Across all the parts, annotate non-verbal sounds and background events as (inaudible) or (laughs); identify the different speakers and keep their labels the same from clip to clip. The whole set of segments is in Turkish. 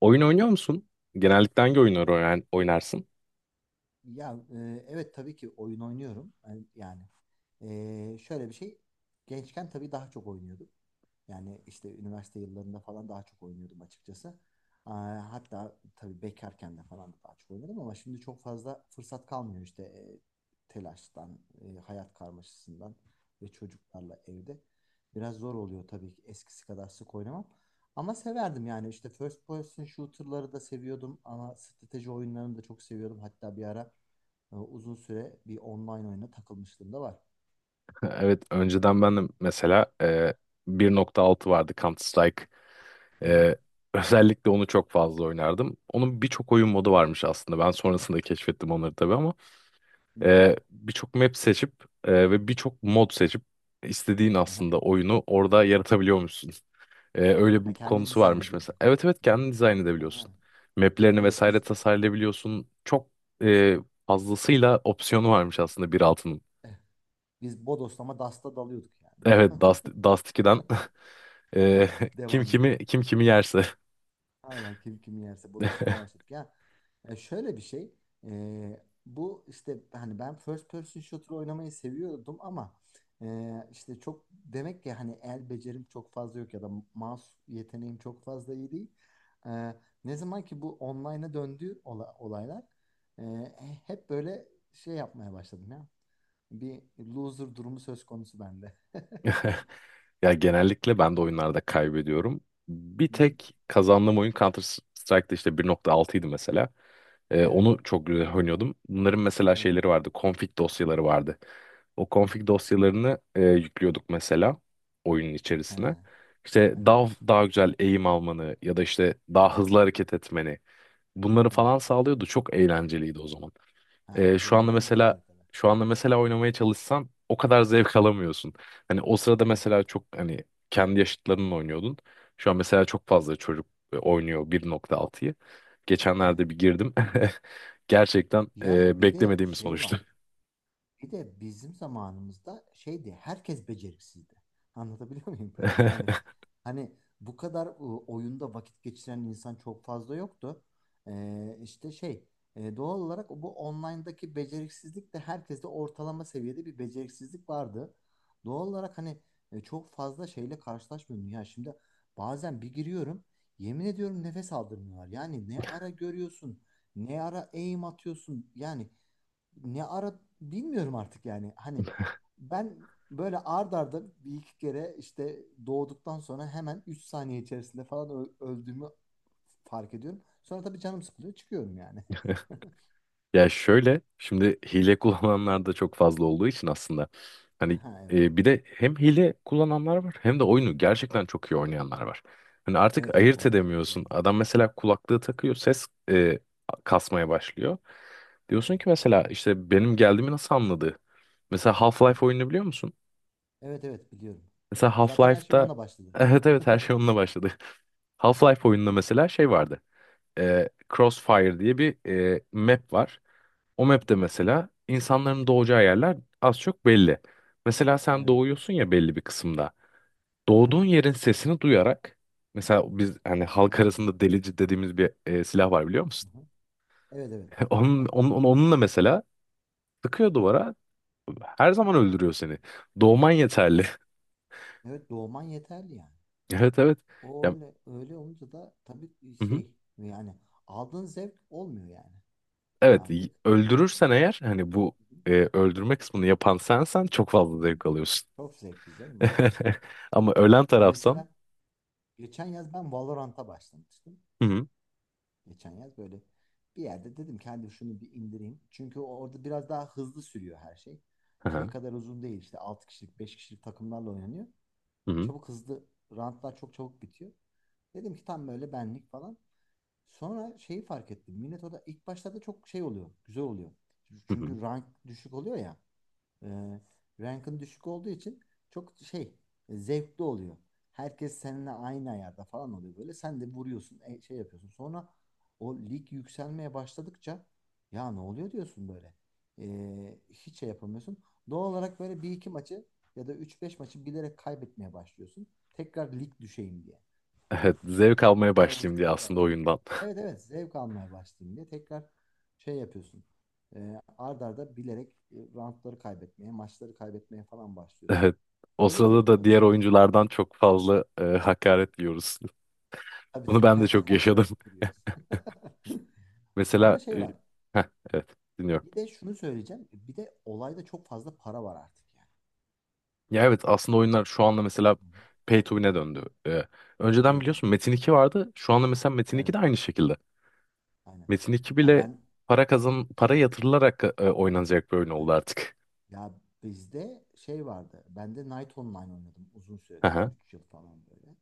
Speaker 1: Oyun oynuyor musun? Genellikle hangi oyunları oynarsın?
Speaker 2: Ya evet tabii ki oyun oynuyorum. Yani, şöyle bir şey. Gençken tabii daha çok oynuyordum. Yani işte üniversite yıllarında falan daha çok oynuyordum açıkçası. Hatta tabii bekarken de falan da daha çok oynadım ama şimdi çok fazla fırsat kalmıyor işte telaştan, hayat karmaşasından ve çocuklarla evde. Biraz zor oluyor tabii ki eskisi kadar sık oynamam. Ama severdim yani işte first person shooter'ları da seviyordum ama strateji oyunlarını da çok seviyordum. Hatta bir ara uzun süre bir online oyuna takılmışlığım da var.
Speaker 1: (laughs) Evet, önceden ben de mesela 1.6 vardı Counter-Strike.
Speaker 2: Hı hı.
Speaker 1: E, özellikle onu çok fazla oynardım. Onun birçok oyun modu varmış aslında. Ben sonrasında keşfettim onları tabii ama
Speaker 2: Hı.
Speaker 1: birçok map seçip ve birçok mod seçip istediğin
Speaker 2: Aha.
Speaker 1: aslında oyunu orada yaratabiliyormuşsun. Öyle
Speaker 2: Ha,
Speaker 1: bir
Speaker 2: kendin
Speaker 1: konusu
Speaker 2: dizayn
Speaker 1: varmış mesela.
Speaker 2: ediyordun.
Speaker 1: Evet, evet,
Speaker 2: Hı.
Speaker 1: kendin dizayn
Speaker 2: Ha.
Speaker 1: edebiliyorsun. Map'lerini
Speaker 2: Evet,
Speaker 1: vesaire
Speaker 2: biz
Speaker 1: tasarlayabiliyorsun. Çok e, fazlasıyla opsiyonu varmış aslında 1.6'nın.
Speaker 2: biz bodoslama dasta dalıyorduk yani.
Speaker 1: Evet,
Speaker 2: (laughs)
Speaker 1: Dust, Dust 2'den. (laughs) Ee, kim
Speaker 2: Devam diye.
Speaker 1: kimi, kim kimi yerse.
Speaker 2: Aynen, kim kim yerse bodoslama başladık ya. Şöyle bir şey. Bu işte hani ben first person shooter oynamayı seviyordum ama işte çok demek ki hani el becerim çok fazla yok ya da mouse yeteneğim çok fazla iyi değil. E, ne zaman ki bu online'a döndü olaylar, e, hep böyle şey yapmaya başladım ya. Bir loser durumu söz konusu bende. (laughs) Hı
Speaker 1: (laughs) Ya, genellikle ben de oyunlarda kaybediyorum. Bir
Speaker 2: hı.
Speaker 1: tek kazandığım oyun Counter Strike'da işte 1.6'ydı mesela. Ee,
Speaker 2: Evet.
Speaker 1: onu çok güzel oynuyordum. Bunların mesela
Speaker 2: Hı hı.
Speaker 1: şeyleri vardı. Config dosyaları vardı. O
Speaker 2: Hı hı.
Speaker 1: config dosyalarını yüklüyorduk mesela oyunun içerisine.
Speaker 2: Ha.
Speaker 1: İşte
Speaker 2: Hı hı.
Speaker 1: daha daha güzel eğim almanı ya da işte daha
Speaker 2: Hı hı.
Speaker 1: hızlı hareket etmeni bunları falan
Speaker 2: Evet.
Speaker 1: sağlıyordu. Çok eğlenceliydi o zaman.
Speaker 2: Ha,
Speaker 1: Ee,
Speaker 2: o
Speaker 1: şu anda
Speaker 2: zamanlar
Speaker 1: mesela
Speaker 2: güzeldi tabii.
Speaker 1: şu anda mesela oynamaya çalışsan o kadar zevk alamıyorsun. Hani o sırada
Speaker 2: Evet.
Speaker 1: mesela çok, hani, kendi yaşıtlarınla oynuyordun. Şu an mesela çok fazla çocuk oynuyor 1.6'yı.
Speaker 2: Evet.
Speaker 1: Geçenlerde bir girdim. (laughs) Gerçekten
Speaker 2: Ya bir de
Speaker 1: beklemediğim bir
Speaker 2: şey
Speaker 1: sonuçtu.
Speaker 2: var. Bir de bizim zamanımızda şeydi, herkes beceriksizdi. Anlatabiliyor muyum? (laughs) Yani
Speaker 1: (laughs)
Speaker 2: hani bu kadar oyunda vakit geçiren insan çok fazla yoktu. İşte şey, doğal olarak bu online'daki beceriksizlik de, herkeste ortalama seviyede bir beceriksizlik vardı. Doğal olarak hani çok fazla şeyle karşılaşmıyordum. Ya şimdi bazen bir giriyorum, yemin ediyorum nefes aldırmıyorlar. Yani ne ara görüyorsun, ne ara aim atıyorsun yani, ne ara bilmiyorum artık yani. Hani ben böyle ard arda bir iki kere işte doğduktan sonra hemen 3 saniye içerisinde falan öldüğümü fark ediyorum. Sonra tabii canım sıkılıyor, çıkıyorum yani. (laughs)
Speaker 1: Ya, şöyle, şimdi hile kullananlar da çok fazla olduğu için aslında hani,
Speaker 2: Ha, evet.
Speaker 1: bir de hem hile kullananlar var hem de oyunu gerçekten çok iyi oynayanlar var. Hani artık
Speaker 2: Evet, evet
Speaker 1: ayırt
Speaker 2: oyun çok iyi
Speaker 1: edemiyorsun.
Speaker 2: oynayanlar.
Speaker 1: Adam mesela kulaklığı takıyor, ses kasmaya başlıyor. Diyorsun ki
Speaker 2: Evet.
Speaker 1: mesela işte benim geldiğimi nasıl anladı? Mesela
Speaker 2: Hı hı.
Speaker 1: Half-Life oyununu biliyor musun?
Speaker 2: Evet, evet biliyorum.
Speaker 1: Mesela
Speaker 2: (laughs) Zaten her şey
Speaker 1: Half-Life'da
Speaker 2: onunla başladı.
Speaker 1: (laughs) evet,
Speaker 2: (laughs)
Speaker 1: evet,
Speaker 2: Hı
Speaker 1: her şey onunla başladı. (laughs) Half-Life oyununda mesela şey vardı. E, Crossfire diye bir map var. O map'te
Speaker 2: hı.
Speaker 1: mesela insanların doğacağı yerler az çok belli. Mesela sen
Speaker 2: Evet.
Speaker 1: doğuyorsun ya belli bir kısımda.
Speaker 2: Hı hı.
Speaker 1: Doğduğun yerin sesini duyarak mesela biz, hani, halk
Speaker 2: Aa,
Speaker 1: arasında delici dediğimiz bir silah var, biliyor
Speaker 2: hı
Speaker 1: musun?
Speaker 2: hı. Evet, evet.
Speaker 1: (laughs) Onun,
Speaker 2: (laughs)
Speaker 1: onun, onun- onunla mesela sıkıyor duvara, her zaman öldürüyor seni. Doğman yeterli. (laughs)
Speaker 2: Evet, doğman yeterli yani.
Speaker 1: Evet, evet.
Speaker 2: O
Speaker 1: Ya,
Speaker 2: öyle öyle olunca da tabii
Speaker 1: hı hı.
Speaker 2: şey yani, aldığın zevk olmuyor yani
Speaker 1: Evet,
Speaker 2: artık.
Speaker 1: öldürürsen eğer, hani, bu
Speaker 2: Hı hı.
Speaker 1: öldürme kısmını yapan sensen çok
Speaker 2: Hı
Speaker 1: fazla
Speaker 2: hı.
Speaker 1: zevk alıyorsun.
Speaker 2: Çok zevkli canım, evet.
Speaker 1: (laughs)
Speaker 2: Evet.
Speaker 1: Ama ölen
Speaker 2: Ya
Speaker 1: tarafsan,
Speaker 2: mesela geçen yaz ben Valorant'a başlamıştım.
Speaker 1: hı hı.
Speaker 2: Geçen yaz böyle bir yerde dedim ki hadi şunu bir indireyim. Çünkü orada biraz daha hızlı sürüyor her şey.
Speaker 1: Hı,
Speaker 2: Şey kadar uzun değil, işte 6 kişilik 5 kişilik takımlarla oynanıyor.
Speaker 1: hı hı.
Speaker 2: Çabuk, hızlı, rantlar çok çabuk bitiyor. Dedim ki tam böyle benlik falan. Sonra şeyi fark ettim. Millet orada ilk başlarda çok şey oluyor, güzel oluyor.
Speaker 1: Hı hı.
Speaker 2: Çünkü rank düşük oluyor ya. E, rankın düşük olduğu için çok şey, zevkli oluyor. Herkes seninle aynı ayarda falan oluyor böyle. Sen de vuruyorsun, şey yapıyorsun. Sonra o lig yükselmeye başladıkça, ya ne oluyor diyorsun böyle. Hiç şey yapamıyorsun. Doğal olarak böyle bir iki maçı ya da üç beş maçı bilerek kaybetmeye başlıyorsun. Tekrar lig düşeyim diye.
Speaker 1: Evet, zevk almaya
Speaker 2: Tekrar o
Speaker 1: başlayayım diye
Speaker 2: zevki,
Speaker 1: aslında oyundan. (laughs)
Speaker 2: evet, evet, zevk almaya başlayayım diye tekrar şey yapıyorsun. Ard arda bilerek, roundları kaybetmeye, maçları kaybetmeye falan başlıyorsun.
Speaker 1: Evet. O
Speaker 2: Böyle
Speaker 1: sırada
Speaker 2: zevk
Speaker 1: da diğer
Speaker 2: alabiliyorsun.
Speaker 1: oyunculardan çok fazla hakaret yiyoruz. (laughs)
Speaker 2: Tabii,
Speaker 1: Bunu
Speaker 2: tabii.
Speaker 1: ben de çok
Speaker 2: (laughs)
Speaker 1: yaşadım.
Speaker 2: Çok küfür yiyoruz.
Speaker 1: (laughs)
Speaker 2: (laughs)
Speaker 1: Mesela
Speaker 2: Ama şey var.
Speaker 1: heh, evet, dinliyorum.
Speaker 2: Bir de şunu söyleyeceğim. Bir de olayda çok fazla para var artık yani.
Speaker 1: Ya, evet, aslında oyunlar şu anda mesela
Speaker 2: Hı hı.
Speaker 1: pay to win'e döndü. Önceden
Speaker 2: Evet, evet.
Speaker 1: biliyorsun Metin 2 vardı. Şu anda mesela Metin 2
Speaker 2: Evet.
Speaker 1: de aynı şekilde.
Speaker 2: Aynen.
Speaker 1: Metin 2
Speaker 2: Ya
Speaker 1: bile
Speaker 2: ben
Speaker 1: para kazan, para
Speaker 2: işte
Speaker 1: yatırılarak oynanacak bir oyun oldu
Speaker 2: aynen.
Speaker 1: artık.
Speaker 2: Ya bizde şey vardı. Ben de Night Online oynadım uzun
Speaker 1: (laughs)
Speaker 2: süre,
Speaker 1: Hı hı.
Speaker 2: 3 yıl falan böyle.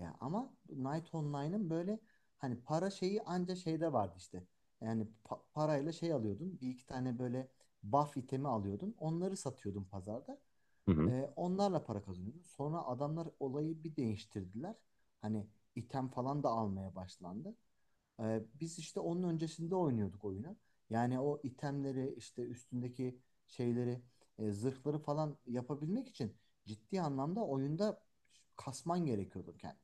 Speaker 2: Ya ama Night Online'ın böyle hani para şeyi anca şeyde vardı işte. Yani parayla şey alıyordun. Bir iki tane böyle buff itemi alıyordun. Onları satıyordun pazarda.
Speaker 1: Hı hı.
Speaker 2: Onlarla para kazanıyordun. Sonra adamlar olayı bir değiştirdiler. Hani item falan da almaya başlandı. Biz işte onun öncesinde oynuyorduk oyunu. Yani o itemleri, işte üstündeki şeyleri, zırhları falan yapabilmek için ciddi anlamda oyunda kasman gerekiyordu kendini.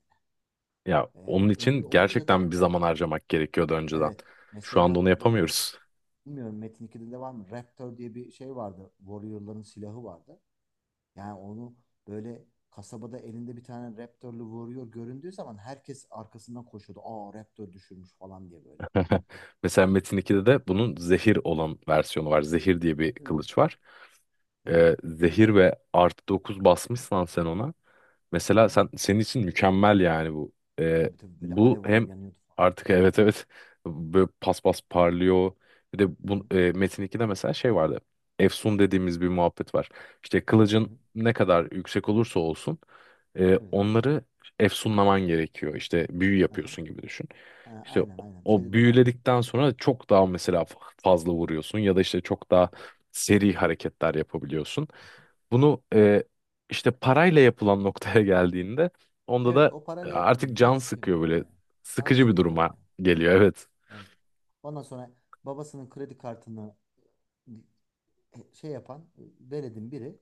Speaker 1: Ya,
Speaker 2: Ee,
Speaker 1: onun için
Speaker 2: öyle olunca
Speaker 1: gerçekten
Speaker 2: da,
Speaker 1: bir zaman harcamak gerekiyordu önceden.
Speaker 2: evet,
Speaker 1: Şu anda
Speaker 2: mesela
Speaker 1: onu yapamıyoruz.
Speaker 2: bilmiyorum Metin 2'de de var mı? Raptor diye bir şey vardı. Warrior'ların silahı vardı. Yani onu böyle kasabada elinde bir tane Raptor'lu Warrior göründüğü zaman herkes arkasından koşuyordu. Aa, Raptor düşürmüş falan diye böyle.
Speaker 1: Mesela Metin 2'de de bunun zehir olan versiyonu var. Zehir diye bir
Speaker 2: Hı,
Speaker 1: kılıç var.
Speaker 2: evet.
Speaker 1: Zehir ve artı 9 basmışsan sen ona.
Speaker 2: Hı
Speaker 1: Mesela
Speaker 2: hı.
Speaker 1: sen, senin için mükemmel, yani, bu. Ee,
Speaker 2: Tabii, tabii böyle
Speaker 1: bu
Speaker 2: alev alev
Speaker 1: hem,
Speaker 2: yanıyordu falan.
Speaker 1: artık, evet, evet, böyle pas pas parlıyor. Bir de
Speaker 2: Hı
Speaker 1: bu
Speaker 2: hı.
Speaker 1: Metin 2'de mesela şey vardı. Efsun dediğimiz bir muhabbet var. İşte
Speaker 2: Hı
Speaker 1: kılıcın
Speaker 2: hı.
Speaker 1: ne kadar yüksek olursa olsun
Speaker 2: Evet.
Speaker 1: onları efsunlaman gerekiyor. İşte büyü
Speaker 2: Aha.
Speaker 1: yapıyorsun gibi düşün.
Speaker 2: Ha,
Speaker 1: İşte o,
Speaker 2: aynen, aynen.
Speaker 1: o
Speaker 2: Şeyde de vardı.
Speaker 1: büyüledikten sonra çok daha
Speaker 2: Hı
Speaker 1: mesela
Speaker 2: hı.
Speaker 1: fazla vuruyorsun ya da işte çok daha seri hareketler yapabiliyorsun. Bunu işte parayla yapılan noktaya geldiğinde onda
Speaker 2: Evet,
Speaker 1: da
Speaker 2: o parayla
Speaker 1: artık
Speaker 2: yapılınca
Speaker 1: can
Speaker 2: hiçbir
Speaker 1: sıkıyor
Speaker 2: kıymeti
Speaker 1: böyle.
Speaker 2: olmuyor. Can
Speaker 1: Sıkıcı bir
Speaker 2: sıkıyor tabii
Speaker 1: duruma
Speaker 2: yani.
Speaker 1: geliyor. Evet.
Speaker 2: Evet. Ondan sonra babasının kredi kartını şey yapan veledin biri,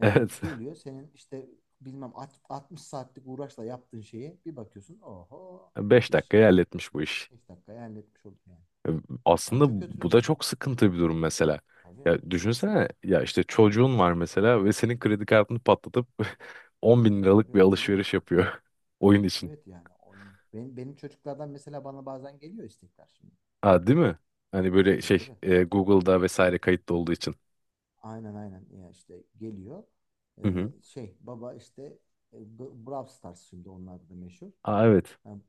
Speaker 1: Evet.
Speaker 2: geliyor senin işte bilmem 60 saatlik uğraşla yaptığın şeyi, bir bakıyorsun oho,
Speaker 1: (laughs) beş
Speaker 2: iş
Speaker 1: dakikaya halletmiş bu iş.
Speaker 2: 5 dakikaya halletmiş oldum yani.
Speaker 1: E,
Speaker 2: Ben
Speaker 1: Aslında
Speaker 2: çok
Speaker 1: bu
Speaker 2: kötüyüm
Speaker 1: da
Speaker 2: yani.
Speaker 1: çok sıkıntı bir durum mesela.
Speaker 2: Tabii,
Speaker 1: Ya düşünsene ya, işte çocuğun var mesela ve senin kredi kartını patlatıp (laughs) 10 bin liralık
Speaker 2: tabii
Speaker 1: bir
Speaker 2: oyuna
Speaker 1: alışveriş
Speaker 2: gidiyor.
Speaker 1: yapıyor (laughs) oyun için.
Speaker 2: Evet yani oyun. Benim çocuklardan mesela bana bazen geliyor istekler şimdi.
Speaker 1: Ha, değil mi? Hani böyle
Speaker 2: Tabii,
Speaker 1: şey,
Speaker 2: tabii.
Speaker 1: Google'da vesaire kayıtlı olduğu için.
Speaker 2: Aynen, aynen ya işte geliyor.
Speaker 1: Hı
Speaker 2: Ee,
Speaker 1: hı.
Speaker 2: şey baba işte, Brawl Stars şimdi onlarda da meşhur.
Speaker 1: Aa, evet.
Speaker 2: Yani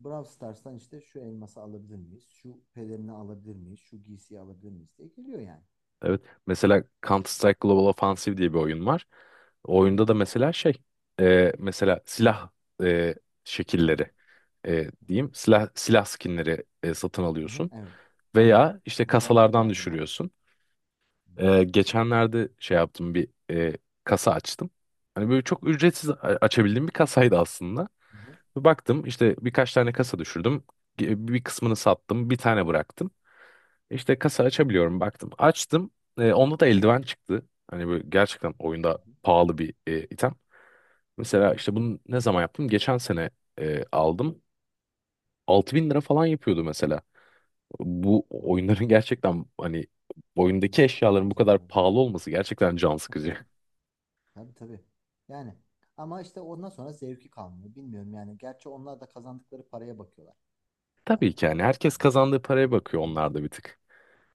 Speaker 2: Brawl Stars'tan işte şu elması alabilir miyiz? Şu pelerini alabilir miyiz? Şu giysiyi alabilir miyiz diye geliyor yani.
Speaker 1: Evet. Mesela Counter Strike Global Offensive diye bir oyun var. O
Speaker 2: Hı hı.
Speaker 1: oyunda da mesela şey, mesela silah e,
Speaker 2: Evet.
Speaker 1: şekilleri,
Speaker 2: Hı hı.
Speaker 1: diyeyim, silah silah skinleri satın
Speaker 2: Hı hı.
Speaker 1: alıyorsun
Speaker 2: Evet. Aynen.
Speaker 1: veya işte
Speaker 2: Valorant'ta da
Speaker 1: kasalardan
Speaker 2: aynı muhabbet.
Speaker 1: düşürüyorsun.
Speaker 2: Hı hı.
Speaker 1: Geçenlerde şey yaptım, bir kasa açtım. Hani böyle çok ücretsiz açabildiğim bir kasaydı aslında.
Speaker 2: Hı hı.
Speaker 1: Bir baktım, işte birkaç tane kasa düşürdüm. Bir kısmını sattım, bir tane bıraktım. İşte kasa açabiliyorum, baktım. Açtım. Onda da eldiven çıktı. Hani böyle gerçekten
Speaker 2: Hı
Speaker 1: oyunda
Speaker 2: hı.
Speaker 1: pahalı bir item.
Speaker 2: Hı
Speaker 1: Mesela
Speaker 2: hı.
Speaker 1: işte bunu ne zaman yaptım? Geçen sene aldım. 6 bin lira falan yapıyordu mesela. Bu
Speaker 2: Oo,
Speaker 1: oyunların (laughs) gerçekten, hani, oyundaki
Speaker 2: müthiş para
Speaker 1: eşyaların bu kadar
Speaker 2: kazanıyorlar.
Speaker 1: pahalı olması gerçekten can sıkıcı. (laughs)
Speaker 2: Tabii, tabii. Yani ama işte ondan sonra zevki kalmıyor. Bilmiyorum yani. Gerçi onlar da kazandıkları paraya bakıyorlar. Ha,
Speaker 1: Tabii ki yani herkes
Speaker 2: yani
Speaker 1: kazandığı paraya
Speaker 2: o-
Speaker 1: bakıyor,
Speaker 2: oyun
Speaker 1: onlar da bir
Speaker 2: şirketi.
Speaker 1: tık.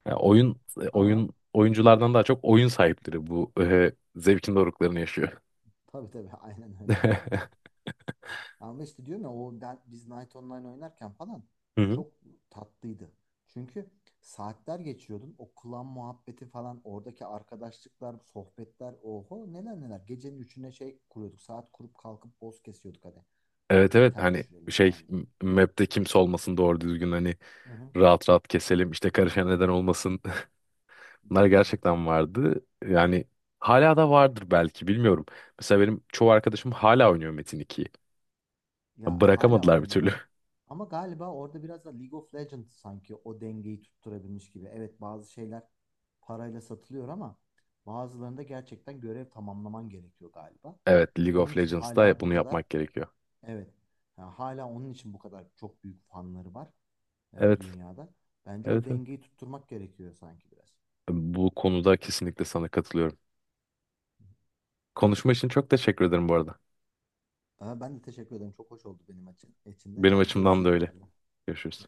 Speaker 1: Yani
Speaker 2: Tabii. Ama hı
Speaker 1: oyun oyunculardan daha çok oyun
Speaker 2: hı,
Speaker 1: sahipleri bu (laughs) zevkin doruklarını yaşıyor.
Speaker 2: tabii, tabii (laughs) aynen öyle.
Speaker 1: (laughs) Hı
Speaker 2: Ama işte diyorum ya o biz Night Online oynarken falan
Speaker 1: hı.
Speaker 2: çok tatlıydı. Çünkü saatler geçiyordun. O klan muhabbeti falan, oradaki arkadaşlıklar, sohbetler, oho neler neler. Gecenin üçüne şey kuruyorduk, saat kurup kalkıp boss kesiyorduk hani.
Speaker 1: Evet, evet,
Speaker 2: Item
Speaker 1: hani,
Speaker 2: düşürelim
Speaker 1: şey,
Speaker 2: falan diye.
Speaker 1: map'te kimse olmasın, doğru düzgün, hani,
Speaker 2: Hı hı.
Speaker 1: rahat rahat keselim, işte, karışan neden olmasın. (laughs) Bunlar
Speaker 2: Tabii.
Speaker 1: gerçekten vardı. Yani hala da vardır belki, bilmiyorum. Mesela benim çoğu arkadaşım hala oynuyor Metin 2'yi.
Speaker 2: Ya hala
Speaker 1: Bırakamadılar bir türlü.
Speaker 2: oynuyorlar.
Speaker 1: (laughs)
Speaker 2: Ama galiba orada biraz da League of Legends sanki o dengeyi tutturabilmiş gibi. Evet, bazı şeyler parayla satılıyor ama bazılarında gerçekten görev tamamlaman gerekiyor galiba.
Speaker 1: Evet, League
Speaker 2: Onun
Speaker 1: of
Speaker 2: için
Speaker 1: Legends'da
Speaker 2: hala bu
Speaker 1: bunu
Speaker 2: kadar,
Speaker 1: yapmak gerekiyor.
Speaker 2: evet, ha, hala onun için bu kadar çok büyük fanları var
Speaker 1: Evet,
Speaker 2: dünyada. Bence
Speaker 1: evet,
Speaker 2: o
Speaker 1: evet.
Speaker 2: dengeyi tutturmak gerekiyor sanki biraz.
Speaker 1: Bu konuda kesinlikle sana katılıyorum. Konuşma için çok teşekkür ederim bu arada.
Speaker 2: Ama ben de teşekkür ederim. Çok hoş oldu benim için. İçinde.
Speaker 1: Benim açımdan da
Speaker 2: Görüşürüz
Speaker 1: öyle.
Speaker 2: inşallah.
Speaker 1: Görüşürüz.